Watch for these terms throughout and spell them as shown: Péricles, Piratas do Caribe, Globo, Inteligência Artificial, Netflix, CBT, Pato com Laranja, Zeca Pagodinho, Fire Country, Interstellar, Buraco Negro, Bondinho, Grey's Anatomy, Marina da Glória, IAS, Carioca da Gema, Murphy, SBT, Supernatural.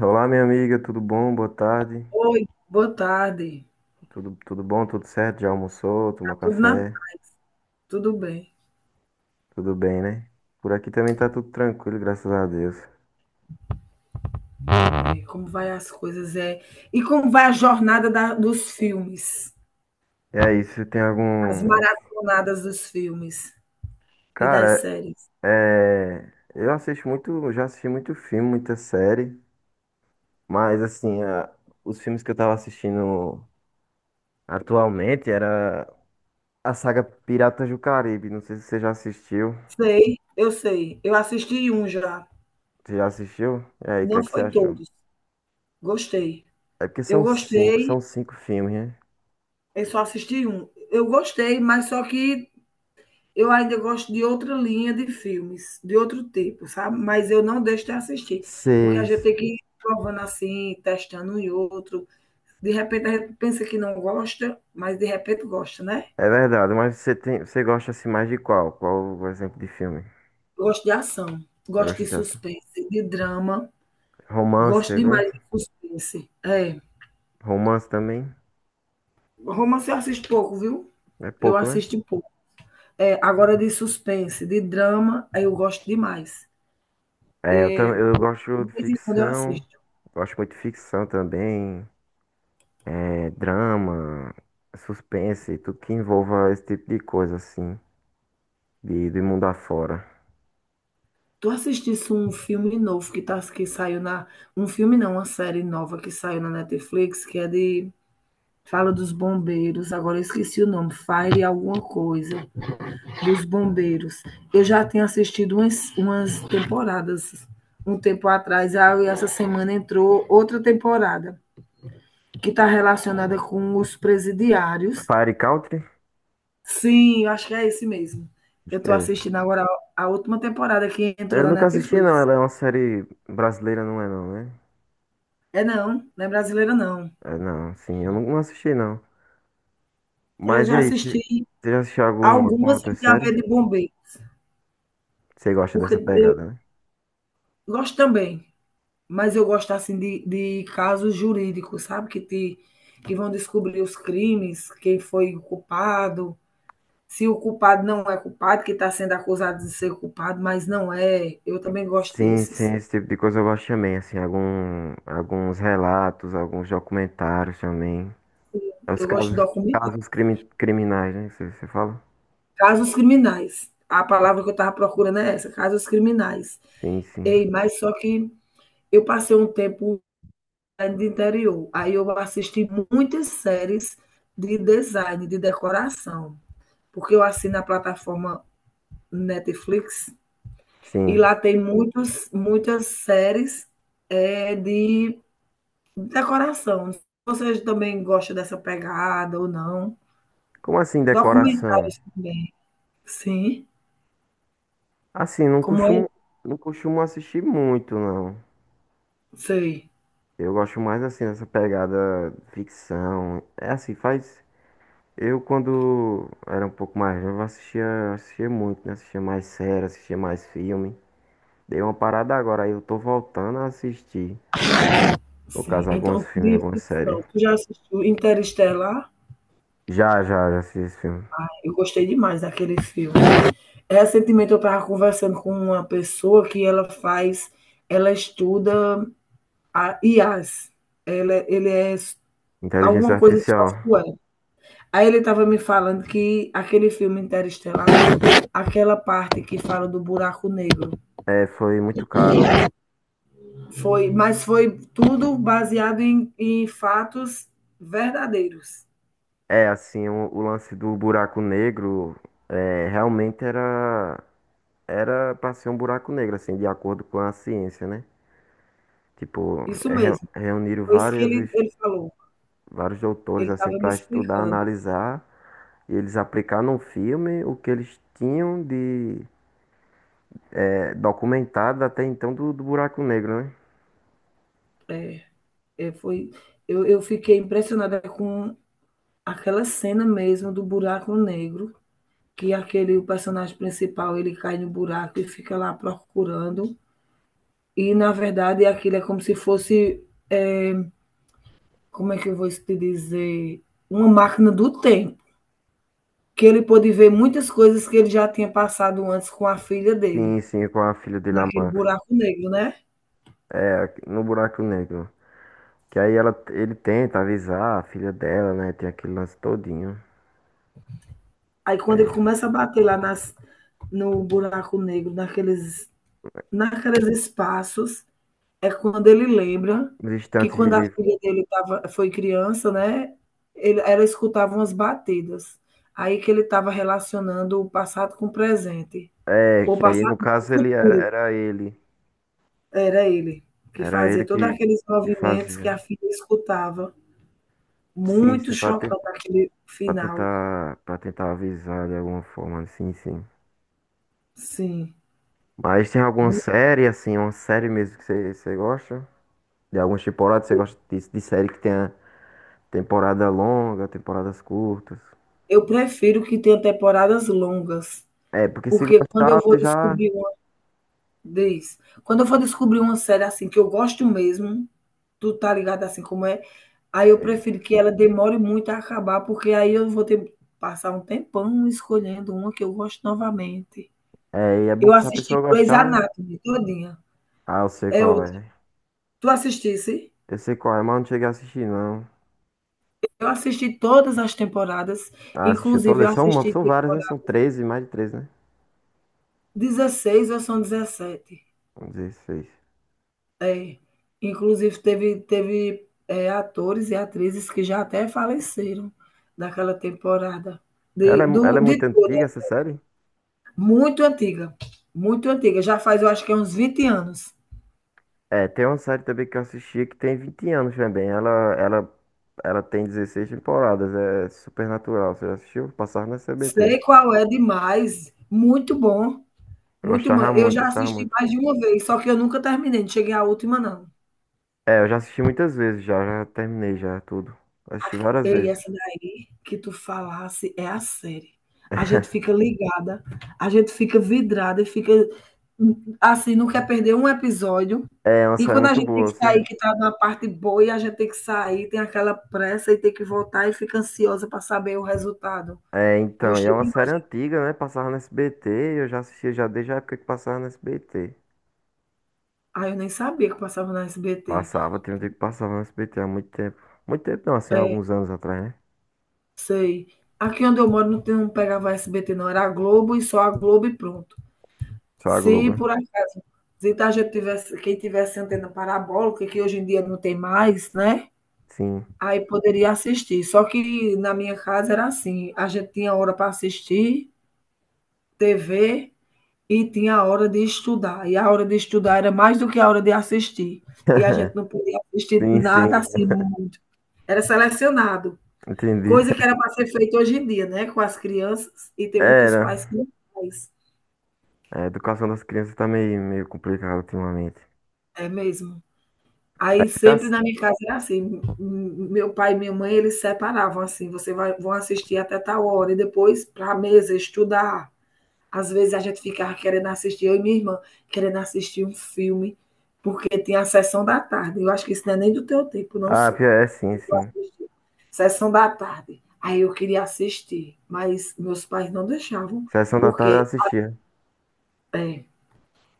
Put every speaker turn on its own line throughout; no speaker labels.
Olá, minha amiga, tudo bom? Boa tarde.
Oi, boa tarde.
Tudo bom? Tudo certo? Já almoçou?
Tá
Tomou
tudo na...
café?
Tudo bem.
Tudo bem, né? Por aqui também tá tudo tranquilo, graças a Deus.
E como vai as coisas? E como vai a jornada dos filmes?
E aí, você tem
As
algum.
maratonadas dos filmes e das
Cara,
séries?
é. Eu assisto muito. Eu Já assisti muito filme, muita série. Mas, assim, os filmes que eu tava assistindo atualmente era a saga Piratas do Caribe. Não sei se você já assistiu.
Sei. Eu assisti um já.
Você já assistiu? E aí, o que é
Não
que você
foi
achou?
todos. Gostei.
É porque
Eu
são cinco,
gostei.
são cinco filmes, né?
Eu só assisti um. Eu gostei, mas só que eu ainda gosto de outra linha de filmes, de outro tipo, sabe? Mas eu não deixo de assistir, porque a gente
Seis.
tem que ir provando assim, testando um e outro. De repente a gente pensa que não gosta, mas de repente gosta, né?
É verdade, mas você gosta assim mais de qual? Qual o exemplo de filme?
Gosto de ação,
Você
gosto
gosta
de
de ação?
suspense, de drama,
Romance,
gosto
você
demais
gosta?
de suspense.
Romance também?
Romance eu assisto pouco, viu?
É
Eu
pouco, né?
assisto pouco. É, agora de suspense, de drama, aí eu gosto demais.
É, eu também, eu gosto
De
de
vez em quando eu
ficção,
assisto.
gosto muito de ficção também, drama, suspense, tudo que envolva esse tipo de coisa assim, de mundo afora.
Tu assistisse um filme novo que, tá, que saiu na. Um filme não, uma série nova que saiu na Netflix, que é de. Fala dos bombeiros, agora eu esqueci o nome, Fire alguma coisa, dos bombeiros. Eu já tinha assistido umas temporadas um tempo atrás, aí essa semana entrou outra temporada, que está relacionada com os presidiários.
Fire Country?
Sim, eu acho que é esse mesmo. Eu
Acho que
estou
é esse.
assistindo agora a última temporada que entrou
Eu
na
nunca assisti não,
Netflix.
ela é uma série brasileira, não é não, né?
É não, não é brasileira não.
É, não, sim, eu não assisti não.
Eu
Mas e
já
aí, você
assisti
você já assistiu alguma
algumas
outra
que tem a
série?
ver de bombeiro,
Você gosta
porque
dessa
eu
pegada, né?
gosto também, mas eu gosto assim de casos jurídicos, sabe? Que vão descobrir os crimes, quem foi o culpado, se o culpado não é culpado, que está sendo acusado de ser culpado, mas não é. Eu também gosto
Sim,
desses.
sim, esse tipo de coisa eu gosto também, assim, alguns relatos, alguns documentários também. É os
Eu gosto de
casos,
documentar.
criminais, né, que você fala?
Casos criminais. A palavra que eu estava procurando é essa, casos criminais.
Sim, sim,
Ei, mas só que eu passei um tempo é de interior. Aí eu assisti muitas séries de design, de decoração, porque eu assino a plataforma Netflix e
sim.
lá tem muitas séries de decoração. Você também gosta dessa pegada ou não?
Como assim decoração?
Documentários também. Sim.
Assim,
Como é?
não costumo assistir muito, não.
Sei.
Eu gosto mais assim dessa pegada ficção. É assim, faz. Eu, quando era um pouco mais novo, assistia muito, né? Assistia mais série, assistia mais filme. Dei uma parada agora, aí eu tô voltando a assistir. No
Sim.
caso, alguns
Então,
filmes,
de
algumas séries.
ficção. Tu já assistiu Interestelar?
Já assisti esse filme.
Eu gostei demais daquele filme. Recentemente eu estava conversando com uma pessoa que ela faz, ela estuda a IAS. Ela, ele é
Inteligência
alguma coisa de
Artificial.
software. Aí ele estava me falando que aquele filme Interestelar, aquela parte que fala do buraco negro,
É, foi muito caro.
foi, mas foi tudo baseado em fatos verdadeiros.
É, assim, o lance do buraco negro, realmente era pra ser um buraco negro, assim, de acordo com a ciência, né? Tipo,
Isso mesmo.
reuniram
Foi isso que ele falou.
vários doutores,
Ele
assim,
estava me
pra estudar,
explicando.
analisar e eles aplicar num filme o que eles tinham de documentado até então do Buraco Negro, né?
É. É, foi, eu fiquei impressionada com aquela cena mesmo do buraco negro, que aquele o personagem principal ele cai no buraco e fica lá procurando. E na verdade aquilo é como se fosse, é, como é que eu vou te dizer, uma máquina do tempo, que ele pôde ver muitas coisas que ele já tinha passado antes com a filha
Sim,
dele,
sim, com a filha dele, a
naquele
Murphy.
buraco negro, né?
É, no Buraco Negro. Que aí ele tenta avisar a filha dela, né? Tem aquele lance todinho.
Aí quando ele começa a bater lá nas, no buraco negro, naqueles espaços. É quando ele lembra
Os
que
instantes de
quando a
livro.
filha dele tava, foi criança, né? Ela escutava umas batidas. Aí que ele estava relacionando o passado com o presente.
É,
O
que aí
passado
no
não, o
caso ele era,
futuro.
era ele.
Era ele que
Era ele
fazia todos
que,
aqueles
que
movimentos que
fazia.
a filha escutava.
Sim,
Muito
sim,
chocante aquele final.
pra tentar avisar de alguma forma, sim, sim.
Sim.
Mas tem alguma série, assim, uma série mesmo que você gosta? De algumas temporadas? Você gosta disso, de série que tenha temporada longa, temporadas curtas?
Eu prefiro que tenha temporadas longas,
É, porque se
porque quando eu
gostar,
vou
você já.
descobrir. Diz. Quando eu for descobrir uma série assim que eu gosto mesmo, tu tá ligado assim como é, aí eu
Sei.
prefiro que ela demore muito a acabar, porque aí eu vou ter passar um tempão escolhendo uma que eu gosto novamente.
É, e é bom
Eu
que se a
assisti
pessoa
Grey's
gostar, né?
Anatomy todinha.
Ah, eu sei
É
qual
outra.
é.
Tu assistisse?
Eu sei qual é, mas não cheguei a assistir, não.
Eu assisti todas as temporadas,
Ah, assistiu
inclusive eu
todas?
assisti
São várias, né? São
temporada
13, mais de 13, né?
16 ou são 17.
São 16.
É, inclusive teve, atores e atrizes que já até faleceram daquela temporada
Ela é
de
muito
toda,
antiga, essa série?
muito antiga, muito antiga, já faz eu acho que é uns 20 anos.
É, tem uma série também que eu assisti que tem 20 anos também. Ela, ela tem 16 temporadas. É Supernatural. Você já assistiu? Passava na CBT.
Sei qual é demais, muito bom,
Eu
muito bom.
gostava
Eu
muito,
já
gostava
assisti
muito.
mais de uma vez, só que eu nunca terminei, não cheguei à última não.
É, eu já assisti muitas vezes, já terminei já tudo. Assisti várias
E
vezes.
essa daí que tu falasse é a série. A gente fica ligada, a gente fica vidrada e fica assim, não quer perder um episódio.
É uma
E
série
quando a
muito
gente tem
boa,
que
assim.
sair, que tá na parte boa, e a gente tem que sair, tem aquela pressa e tem que voltar e fica ansiosa para saber o resultado.
É, então, e é
Gostei
uma série
demais.
antiga, né? Passava no SBT, eu já assistia já desde a época que passava no SBT.
Ah, eu nem sabia que passava na SBT.
Passava, tem um tempo que passava no SBT há muito tempo. Muito tempo não, assim, há
É,
alguns anos atrás, né?
sei. Aqui onde eu moro não, tem, não pegava SBT, não. Era a Globo e só a Globo e pronto.
Só a
Se
Globo, né?
por acaso se a gente tivesse, quem tivesse antena parabólica, que hoje em dia não tem mais, né?
Sim.
Aí poderia assistir. Só que na minha casa era assim, a gente tinha hora para assistir TV e tinha a hora de estudar. E a hora de estudar era mais do que a hora de assistir. E a gente não podia assistir
Sim, sim,
nada assim, era selecionado.
entendi.
Coisa que era para ser feita hoje em dia, né? Com as crianças, e tem muitos pais que
Era.
não faz.
É, a educação das crianças tá meio, meio complicada ultimamente.
É mesmo. Aí
Tá.
sempre na minha casa era assim, meu pai e minha mãe, eles separavam assim, você vai vão assistir até tal hora e depois para a mesa estudar. Às vezes a gente ficava querendo assistir, eu e minha irmã, querendo assistir um filme, porque tinha a sessão da tarde. Eu acho que isso não é nem do teu tempo, não
Ah,
sei.
pior é, sim, sim.
Sessão da tarde. Aí eu queria assistir, mas meus pais não deixavam,
Sessão da tarde eu
porque,
assistia.
é,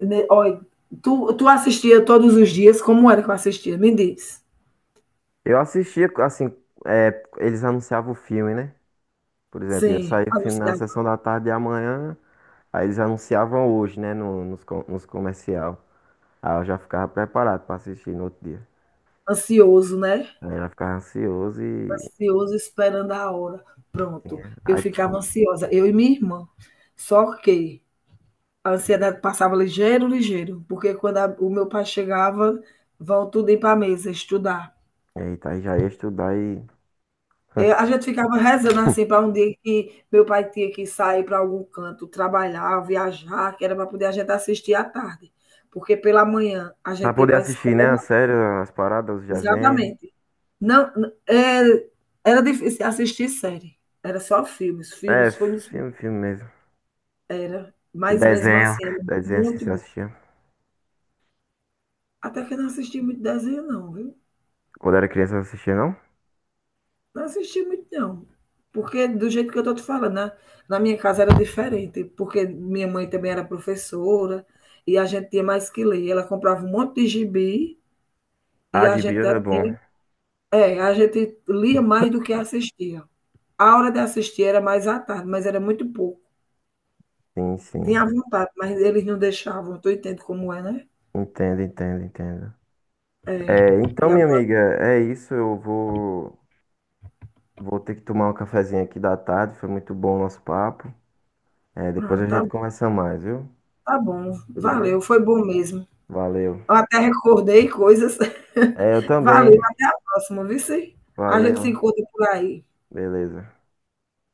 né, olha, tu assistia todos os dias, como era que eu assistia? Me diz.
Eu assistia, assim, é, eles anunciavam o filme, né? Por exemplo, ia
Sim,
sair o
a.
filme na sessão da tarde e amanhã, aí eles anunciavam hoje, né, no, nos, co- nos comercial. Aí eu já ficava preparado pra assistir no outro dia.
Ansioso, né?
Aí eu já ficava ansioso e.
Ansioso esperando a hora. Pronto, eu
Aí, t-
ficava ansiosa, eu e minha irmã. Só que a ansiedade passava ligeiro, ligeiro, porque quando o meu pai chegava, vão tudo ir para a mesa estudar.
eita, aí já ia estudar e.
A gente ficava rezando assim para um dia que meu pai tinha que sair para algum canto, trabalhar, viajar, que era para poder a gente assistir à tarde. Porque pela manhã a
Pra
gente ia
poder
para a
assistir,
escola.
né, a série, as paradas, os desenhos.
Exatamente. Não, n- é, era difícil assistir série. Era só filmes,
É,
filmes, filmes, filmes.
filme, filme mesmo.
Era.
E
Mas mesmo
desenho.
assim, era
Desenho assim
muito
você
bom.
assistia.
Até que eu não assisti muito desenho, não, viu?
Quando era criança eu não assistia, não?
Não assisti muito, não. Porque do jeito que eu tô te falando, né? Na minha casa era diferente, porque minha mãe também era professora e a gente tinha mais que ler. Ela comprava um monte de gibi e
Ah,
a
de
gente,
Bio é bom.
a gente lia mais do que assistia. A hora de assistir era mais à tarde, mas era muito pouco.
Sim,
Tinha
sim.
vontade, mas eles não deixavam. Tu entende como é, né?
Entendo, entendo, entendo.
É.
É, então,
E
minha
agora,
amiga, é isso. Vou ter que tomar um cafezinho aqui da tarde. Foi muito bom o nosso papo. É, depois
ah,
a
tá
gente
bom,
conversa mais, viu?
tá bom.
Tudo
Valeu,
bem?
foi bom mesmo.
Valeu.
Eu até recordei coisas.
É, eu
Valeu,
também.
na próxima, viu? Sim? A gente se
Valeu.
encontra por aí.
Beleza.